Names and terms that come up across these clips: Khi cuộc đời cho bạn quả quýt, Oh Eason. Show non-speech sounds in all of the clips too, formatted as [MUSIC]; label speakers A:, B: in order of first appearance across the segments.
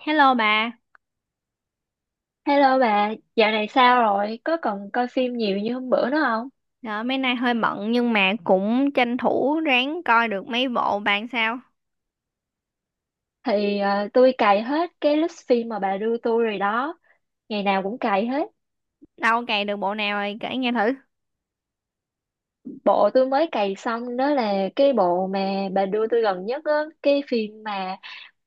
A: Hello bà.
B: Hello bà, dạo này sao rồi? Có còn coi phim nhiều như hôm bữa nữa không?
A: Đó, mấy nay hơi bận nhưng mà cũng tranh thủ ráng coi được mấy bộ bạn sao.
B: Tôi cày hết cái list phim mà bà đưa tôi rồi đó. Ngày nào cũng cày hết.
A: Đâu cày được bộ nào rồi kể nghe thử.
B: Bộ tôi mới cày xong đó là cái bộ mà bà đưa tôi gần nhất á. Cái phim mà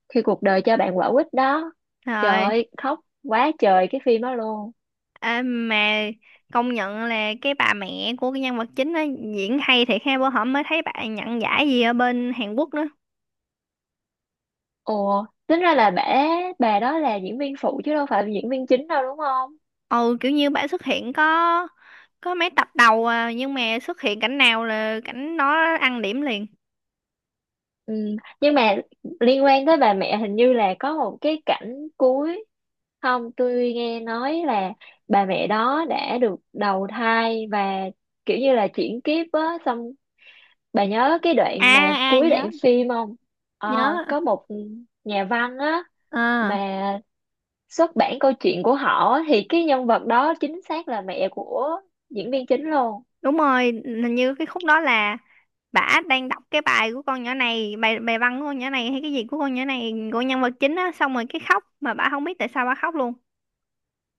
B: khi cuộc đời cho bạn quả quýt đó. Trời
A: Rồi,
B: ơi, khóc quá trời cái phim đó luôn.
A: à, mà công nhận là cái bà mẹ của cái nhân vật chính á diễn hay thiệt ha, bữa hổm mới thấy bà nhận giải gì ở bên Hàn Quốc nữa.
B: Ồ, tính ra là bà đó là diễn viên phụ chứ đâu phải là diễn viên chính đâu đúng không?
A: Ừ, kiểu như bà xuất hiện có mấy tập đầu à, nhưng mà xuất hiện cảnh nào là cảnh nó ăn điểm liền.
B: Ừ. Nhưng mà liên quan tới bà mẹ hình như là có một cái cảnh cuối, không tôi nghe nói là bà mẹ đó đã được đầu thai và kiểu như là chuyển kiếp á, xong bà nhớ cái đoạn mà
A: À à,
B: cuối
A: nhớ
B: đoạn phim không? Ờ,
A: nhớ.
B: có một nhà văn á,
A: Ờ,
B: mà xuất bản câu chuyện của họ á, thì cái nhân vật đó chính xác là mẹ của diễn viên chính luôn.
A: đúng rồi, hình như cái khúc đó là bả đang đọc cái bài của con nhỏ này, bài bài văn của con nhỏ này hay cái gì của con nhỏ này, của nhân vật chính á, xong rồi cái khóc mà bả không biết tại sao bả khóc luôn,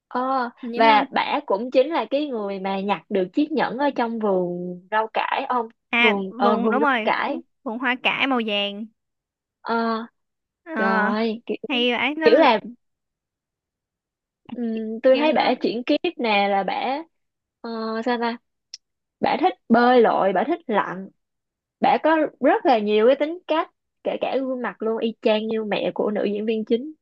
B: Ờ,
A: hình như phải
B: và
A: không?
B: bả cũng chính là cái người mà nhặt được chiếc nhẫn ở trong vườn rau cải ông,
A: à Vùng,
B: vườn
A: đúng
B: rau
A: rồi, vùng,
B: cải.
A: vùng hoa cải màu vàng.
B: ờ,
A: ờ
B: Trời ơi, kiểu,
A: Hay ấy, nó
B: kiểu là tôi
A: kiểu
B: thấy
A: nó
B: bả chuyển kiếp nè là bả ờ, sao ta Bả thích bơi lội, bả thích lặn, bả có rất là nhiều cái tính cách, kể cả gương mặt luôn y chang như mẹ của nữ diễn viên chính.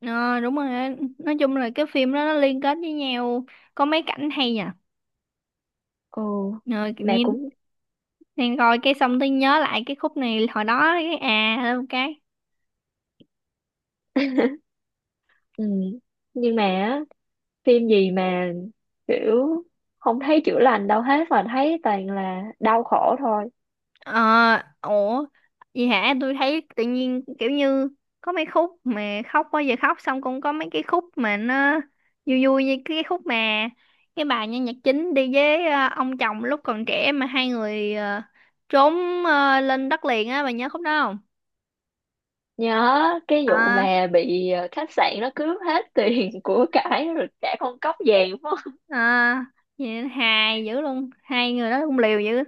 A: ờ đúng rồi á. Nói chung là cái phim đó nó liên kết với nhau, có mấy cảnh hay nhỉ.
B: Ồ,
A: Ờ Kiểu
B: mẹ
A: như
B: cũng.
A: đang coi cái xong tôi nhớ lại cái khúc này hồi đó, cái lên một cái.
B: [LAUGHS] ừm, nhưng mà á, phim gì mà kiểu không thấy chữa lành đâu hết mà thấy toàn là đau khổ thôi.
A: Ờ, ủa, gì hả? Tôi thấy tự nhiên kiểu như có mấy khúc mà khóc, bao giờ khóc xong cũng có mấy cái khúc mà nó vui vui, như cái khúc mà cái bà nhân vật chính đi với ông chồng lúc còn trẻ mà hai người trốn lên đất liền á, bà nhớ khúc đó không?
B: Nhớ cái vụ
A: À,
B: mà bị khách sạn nó cướp hết tiền [LAUGHS] của cải rồi cả con cóc vàng phải không?
A: à, vậy hài dữ luôn, hai người đó cũng liều dữ.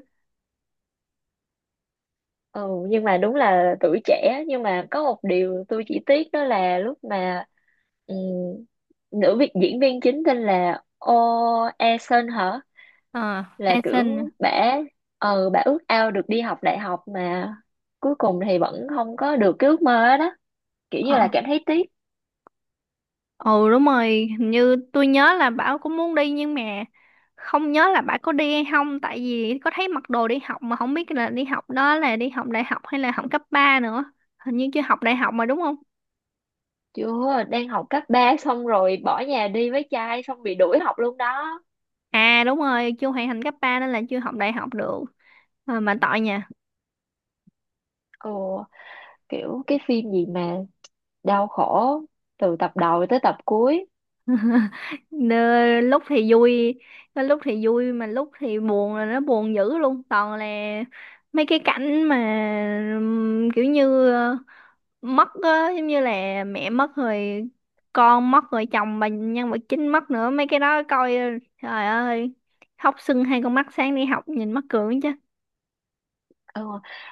B: Ừ, nhưng mà đúng là tuổi trẻ, nhưng mà có một điều tôi chỉ tiếc đó là lúc mà ừm, nữ việc diễn viên chính tên là Oh Eason hả.
A: Ờ,
B: Là
A: Eason.
B: kiểu bả bả ước ao được đi học đại học mà cuối cùng thì vẫn không có được cái ước mơ đó, kiểu như là cảm thấy tiếc.
A: Ừ, đúng rồi, hình như tôi nhớ là Bảo cũng muốn đi nhưng mà không nhớ là Bảo có đi hay không, tại vì có thấy mặc đồ đi học mà không biết là đi học đó là đi học đại học hay là học cấp 3 nữa. Hình như chưa học đại học mà, đúng không?
B: Chưa, đang học cấp 3 xong rồi bỏ nhà đi với trai xong bị đuổi học luôn đó.
A: À, đúng rồi, chưa hoàn thành cấp 3 nên là chưa học đại học được. Mà tội nha.
B: Ừ, kiểu cái phim gì mà đau khổ từ tập đầu tới tập cuối.
A: Lúc thì vui, có lúc thì vui mà lúc thì buồn là nó buồn dữ luôn, toàn là mấy cái cảnh mà kiểu như mất á, giống như là mẹ mất rồi, con mất rồi, chồng bà nhân vật chính mất nữa, mấy cái đó coi trời ơi, khóc sưng hai con mắt, sáng đi học nhìn mắc cười chứ.
B: Ừ.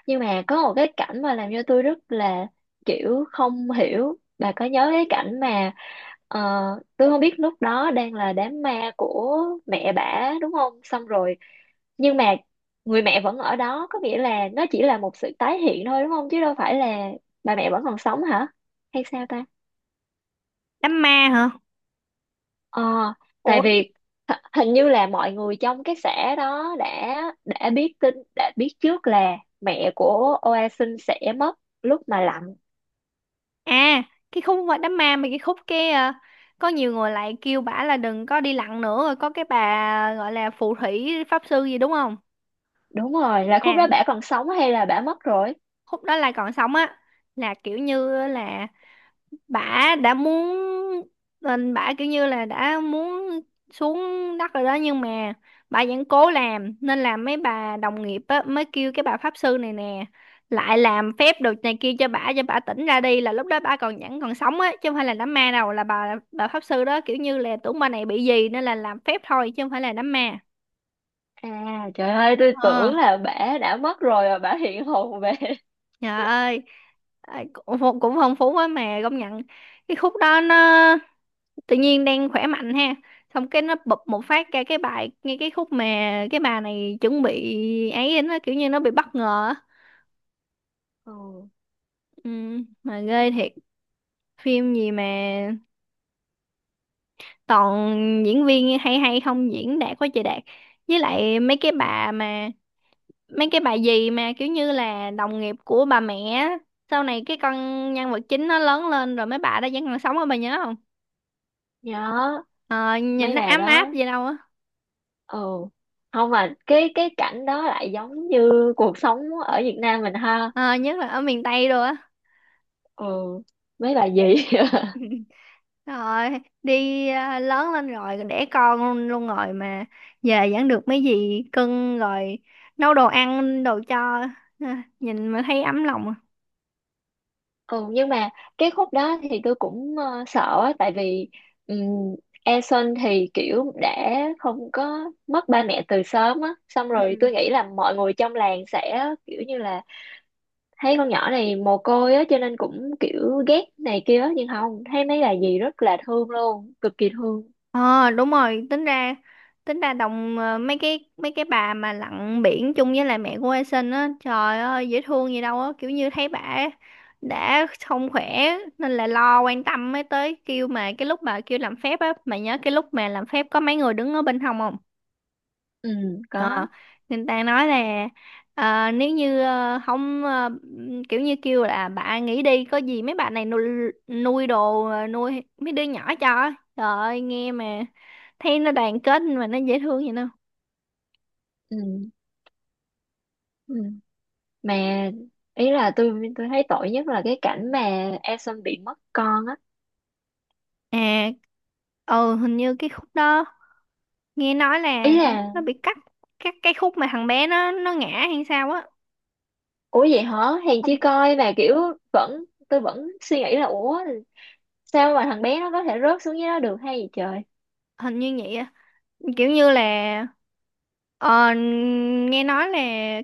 B: Nhưng mà có một cái cảnh mà làm cho tôi rất là kiểu không hiểu, bà có nhớ cái cảnh mà ờ, tôi không biết lúc đó đang là đám ma của mẹ bả đúng không, xong rồi nhưng mà người mẹ vẫn ở đó, có nghĩa là nó chỉ là một sự tái hiện thôi đúng không, chứ đâu phải là bà mẹ vẫn còn sống hả, hay sao ta?
A: Đám ma hả?
B: Ờ, tại
A: Ủa,
B: vì hình như là mọi người trong cái xã đó đã biết tin, đã biết trước là mẹ của Oasin sẽ mất lúc mà lạnh.
A: à cái khúc mà đám ma, mà cái khúc cái, có nhiều người lại kêu bả là đừng có đi lặn nữa, rồi có cái bà gọi là phù thủy pháp sư gì đúng không?
B: Đúng rồi, là khúc đó
A: à
B: bả còn sống hay là bả mất rồi?
A: Khúc đó là còn sống á, là kiểu như là bả đã muốn lên, bả kiểu như là đã muốn xuống đất rồi đó, nhưng mà bà vẫn cố làm nên là mấy bà đồng nghiệp á, mới kêu cái bà pháp sư này nè lại làm phép đồ này kia cho bả, cho bả tỉnh ra đi, là lúc đó bả còn vẫn còn sống á chứ không phải là đám ma đâu, là bà pháp sư đó kiểu như là tưởng bà này bị gì nên là làm phép thôi chứ không phải là đám ma.
B: À trời ơi, tôi
A: ờ
B: tưởng là bả đã mất rồi và bả hiện hồn về. [LAUGHS]
A: Trời ơi. Ờ, cũng cũng phong phú quá mà công nhận, cái khúc đó nó tự nhiên đang khỏe mạnh ha, xong cái nó bụp một phát ra cái bài ngay cái khúc mà cái bà này chuẩn bị, ấy nó kiểu như nó bị bất ngờ á.
B: Ừ,
A: Ừ, mà ghê thiệt, phim gì mà toàn diễn viên hay, hay không diễn đạt quá trời đạt, với lại mấy cái bà gì mà kiểu như là đồng nghiệp của bà mẹ á, sau này cái con nhân vật chính nó lớn lên rồi mấy bà đó vẫn còn sống á, bà nhớ không?
B: nhớ
A: Ờ, nhìn
B: mấy
A: nó
B: bà
A: ấm áp
B: đó.
A: gì đâu á.
B: Ừ, không, mà cái cảnh đó lại giống như cuộc sống ở Việt Nam mình ha.
A: Ờ, nhất là ở miền Tây rồi á.
B: Ừ, mấy bà gì. [LAUGHS]
A: [LAUGHS] Rồi, đi à, lớn lên rồi đẻ con luôn rồi mà, về vẫn được mấy gì cưng rồi nấu đồ ăn đồ cho, à, nhìn mà thấy ấm lòng. À.
B: Ừ, nhưng mà cái khúc đó thì tôi cũng sợ á, tại vì um, Eason thì kiểu đã không có mất ba mẹ từ sớm á, xong rồi
A: Ừ.
B: tôi nghĩ là mọi người trong làng sẽ kiểu như là thấy con nhỏ này mồ côi á, cho nên cũng kiểu ghét này kia á, nhưng không, thấy mấy bà dì rất là thương luôn, cực kỳ thương.
A: Ờ, đúng rồi, tính ra đồng, mấy cái bà mà lặn biển chung với lại mẹ của A Sinh á, trời ơi dễ thương gì đâu á, kiểu như thấy bà đã không khỏe nên là lo quan tâm mới tới kêu, mà cái lúc bà kêu làm phép á, mà nhớ cái lúc mà làm phép có mấy người đứng ở bên hông không?
B: Ừ, có.
A: Ờ, người ta nói là, nếu như không, kiểu như kêu là bà nghỉ đi, có gì mấy bà này nuôi, nuôi đồ, nuôi mấy đứa nhỏ cho, trời ơi, nghe mà thấy nó đoàn kết mà nó dễ thương vậy đâu.
B: Ừ, ừ. Mà ý là tôi thấy tội nhất là cái cảnh mà Eason bị mất con á.
A: à ừ, hình như cái khúc đó nghe nói
B: Ý
A: là
B: là,
A: nó bị cắt, cái khúc mà thằng bé nó ngã hay sao á.
B: ủa vậy hả? Hèn
A: Không,
B: chi coi là kiểu vẫn, tôi vẫn suy nghĩ là ủa sao mà thằng bé nó có thể rớt xuống dưới đó được hay gì trời.
A: hình như vậy, kiểu như là, ờ, nghe nói là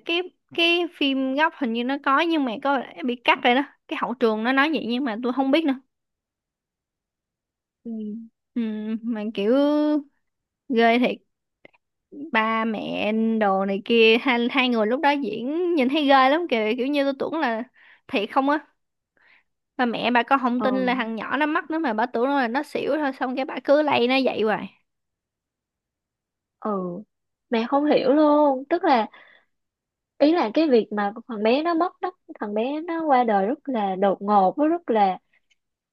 A: cái cái phim gốc hình như nó có nhưng mà có lẽ bị cắt rồi đó, cái hậu trường nó nói vậy nhưng mà tôi không biết nữa.
B: Ừ.
A: Ừ, mà kiểu ghê thiệt, ba mẹ đồ này kia, hai người lúc đó diễn nhìn thấy ghê lắm kìa, kiểu như tôi tưởng là thiệt không á, ba mẹ bà con không tin là
B: Ừ,
A: thằng nhỏ nó mắc nữa mà bà tưởng là nó xỉu thôi, xong cái bà cứ lay nó vậy hoài.
B: ừ. Mẹ không hiểu luôn, tức là ý là cái việc mà thằng bé nó mất đất, thằng bé nó qua đời rất là đột ngột với rất là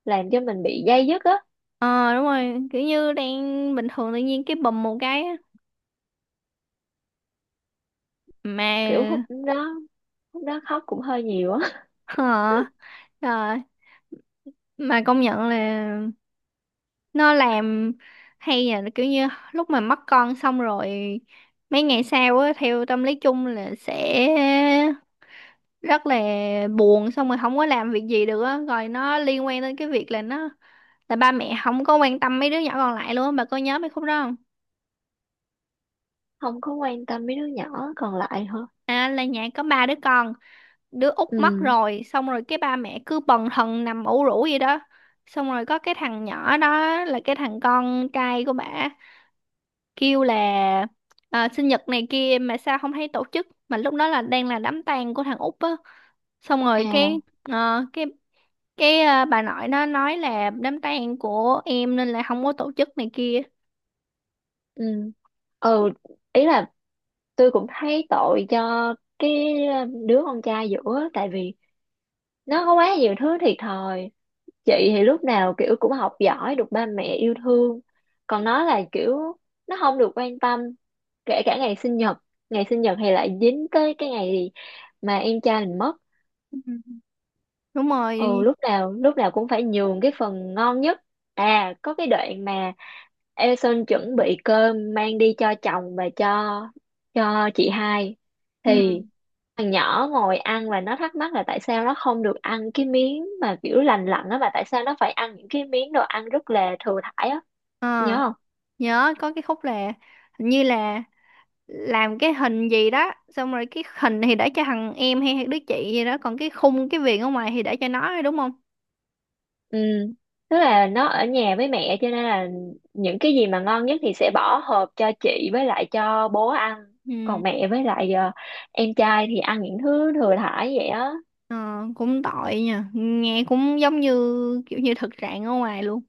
B: làm cho mình bị day dứt á,
A: Ờ, đúng rồi, kiểu như đang bình thường tự nhiên cái bùm một cái á. Mà.
B: kiểu lúc đó khóc cũng hơi nhiều á. [LAUGHS]
A: Hả? Rồi, mà công nhận là nó làm hay, là kiểu như lúc mà mất con xong rồi, mấy ngày sau á theo tâm lý chung là sẽ rất là buồn xong rồi không có làm việc gì được á, rồi nó liên quan đến cái việc là nó là ba mẹ không có quan tâm mấy đứa nhỏ còn lại luôn á, bà có nhớ mấy khúc đó không?
B: Không có quan tâm mấy đứa nhỏ còn lại hả?
A: À, là nhà có ba đứa con, đứa út mất
B: Ừ.
A: rồi xong rồi cái ba mẹ cứ bần thần nằm ủ rũ vậy đó, xong rồi có cái thằng nhỏ đó là cái thằng con trai của bả kêu là, à, sinh nhật này kia mà sao không thấy tổ chức, mà lúc đó là đang là đám tang của thằng Út á, xong rồi
B: À,
A: cái ờ, bà nội nó nói là đám tang của em nên là không có tổ chức này kia.
B: ừ. Ừ, ý là tôi cũng thấy tội cho cái đứa con trai giữa tại vì nó có quá nhiều thứ thiệt thòi. Chị thì lúc nào kiểu cũng học giỏi được ba mẹ yêu thương, còn nó là kiểu nó không được quan tâm, kể cả ngày sinh nhật. Ngày sinh nhật thì lại dính tới cái ngày mà em trai mình mất.
A: Ừ. Đúng
B: Ừ,
A: rồi.
B: lúc nào cũng phải nhường cái phần ngon nhất. À có cái đoạn mà Eason chuẩn bị cơm mang đi cho chồng và cho chị hai
A: Ừ.
B: thì thằng nhỏ ngồi ăn và nó thắc mắc là tại sao nó không được ăn cái miếng mà kiểu lành lặn á, mà tại sao nó phải ăn những cái miếng đồ ăn rất là thừa thải á.
A: Ờ,
B: Nhớ.
A: nhớ có cái khúc là hình như là làm cái hình gì đó, xong rồi cái hình thì để cho thằng em hay hay đứa chị gì đó, còn cái khung cái viền ở ngoài thì để cho nó thôi, đúng không?
B: Ừ, tức là nó ở nhà với mẹ cho nên là những cái gì mà ngon nhất thì sẽ bỏ hộp cho chị với lại cho bố ăn.
A: Ừ.
B: Còn mẹ với lại em trai thì ăn những thứ thừa thải vậy á.
A: Ờ, cũng tội nha, nghe cũng giống như kiểu như thực trạng ở ngoài luôn,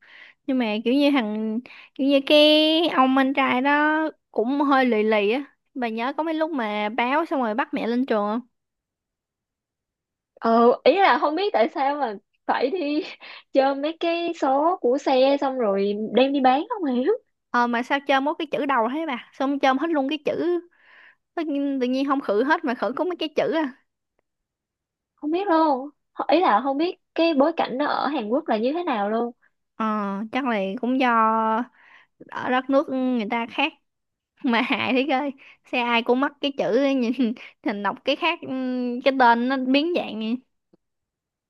A: nhưng mà kiểu như thằng, kiểu như cái ông anh trai đó cũng hơi lì lì á, bà nhớ có mấy lúc mà báo xong rồi bắt mẹ lên trường không?
B: Ừ, ý là không biết tại sao mà phải đi [LAUGHS] chơi mấy cái số của xe xong rồi đem đi bán, không hiểu.
A: Ờ mà sao chôm có cái chữ đầu thế bà, xong chôm hết luôn cái chữ, tự nhiên không khử hết mà khử có mấy cái chữ à.
B: Không biết luôn. Ý là không biết cái bối cảnh nó ở Hàn Quốc là như thế nào luôn.
A: ờ Chắc là cũng do ở đất nước người ta khác, [LAUGHS] mà hại thế coi, xe ai cũng mắc cái chữ ấy, nhìn [LAUGHS] thành đọc cái khác. Ừ, cái tên nó biến dạng vậy.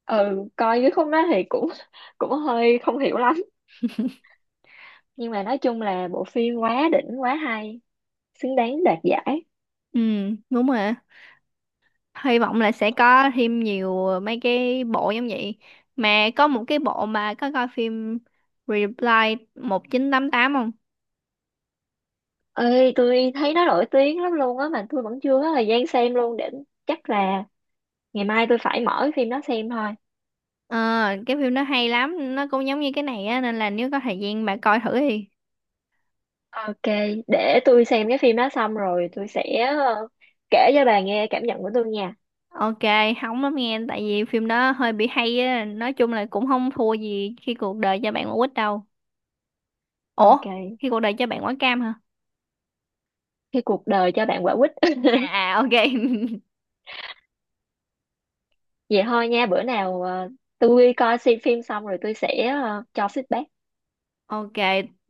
B: Ừ, coi cái không đó thì cũng [LAUGHS] cũng hơi không hiểu lắm. Nhưng mà nói chung là bộ phim quá đỉnh, quá hay, xứng đáng đoạt giải.
A: Ừ, đúng rồi á. Hy vọng là sẽ có thêm nhiều, mấy cái bộ giống vậy. Mà có một cái bộ mà có coi phim Reply 1988 không?
B: Ơi, tôi thấy nó nổi tiếng lắm luôn á, mà tôi vẫn chưa có thời gian xem luôn. Để chắc là ngày mai tôi phải mở cái phim đó xem thôi.
A: Ờ, cái phim nó hay lắm, nó cũng giống như cái này á nên là nếu có thời gian bà coi thử đi.
B: Ok, để tôi xem cái phim đó xong rồi tôi sẽ kể cho bà nghe cảm nhận của tôi nha.
A: Ok, hóng lắm nghe, tại vì phim đó hơi bị hay á, nói chung là cũng không thua gì khi cuộc đời cho bạn quả quýt đâu. Ủa,
B: Ok,
A: khi cuộc đời cho bạn quả cam hả?
B: cái cuộc đời cho bạn quả quýt. [LAUGHS]
A: À, à, ok. [LAUGHS]
B: Vậy thôi nha, bữa nào tôi coi xem phim xong rồi tôi sẽ cho feedback.
A: Ok,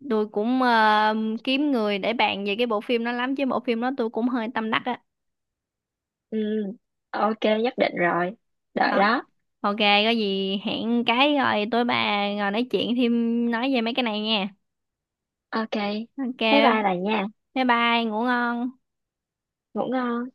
A: tôi cũng, kiếm người để bàn về cái bộ phim đó lắm, chứ bộ phim đó tôi cũng hơi tâm đắc á.
B: Ừ, ok, nhất định rồi, đợi
A: Đó.
B: đó.
A: Ok, có gì hẹn cái rồi tối bà ngồi nói chuyện thêm, nói về mấy cái này nha.
B: Ok,
A: Ok,
B: bye bye bà nha.
A: bye bye, ngủ ngon.
B: Ngủ ngon.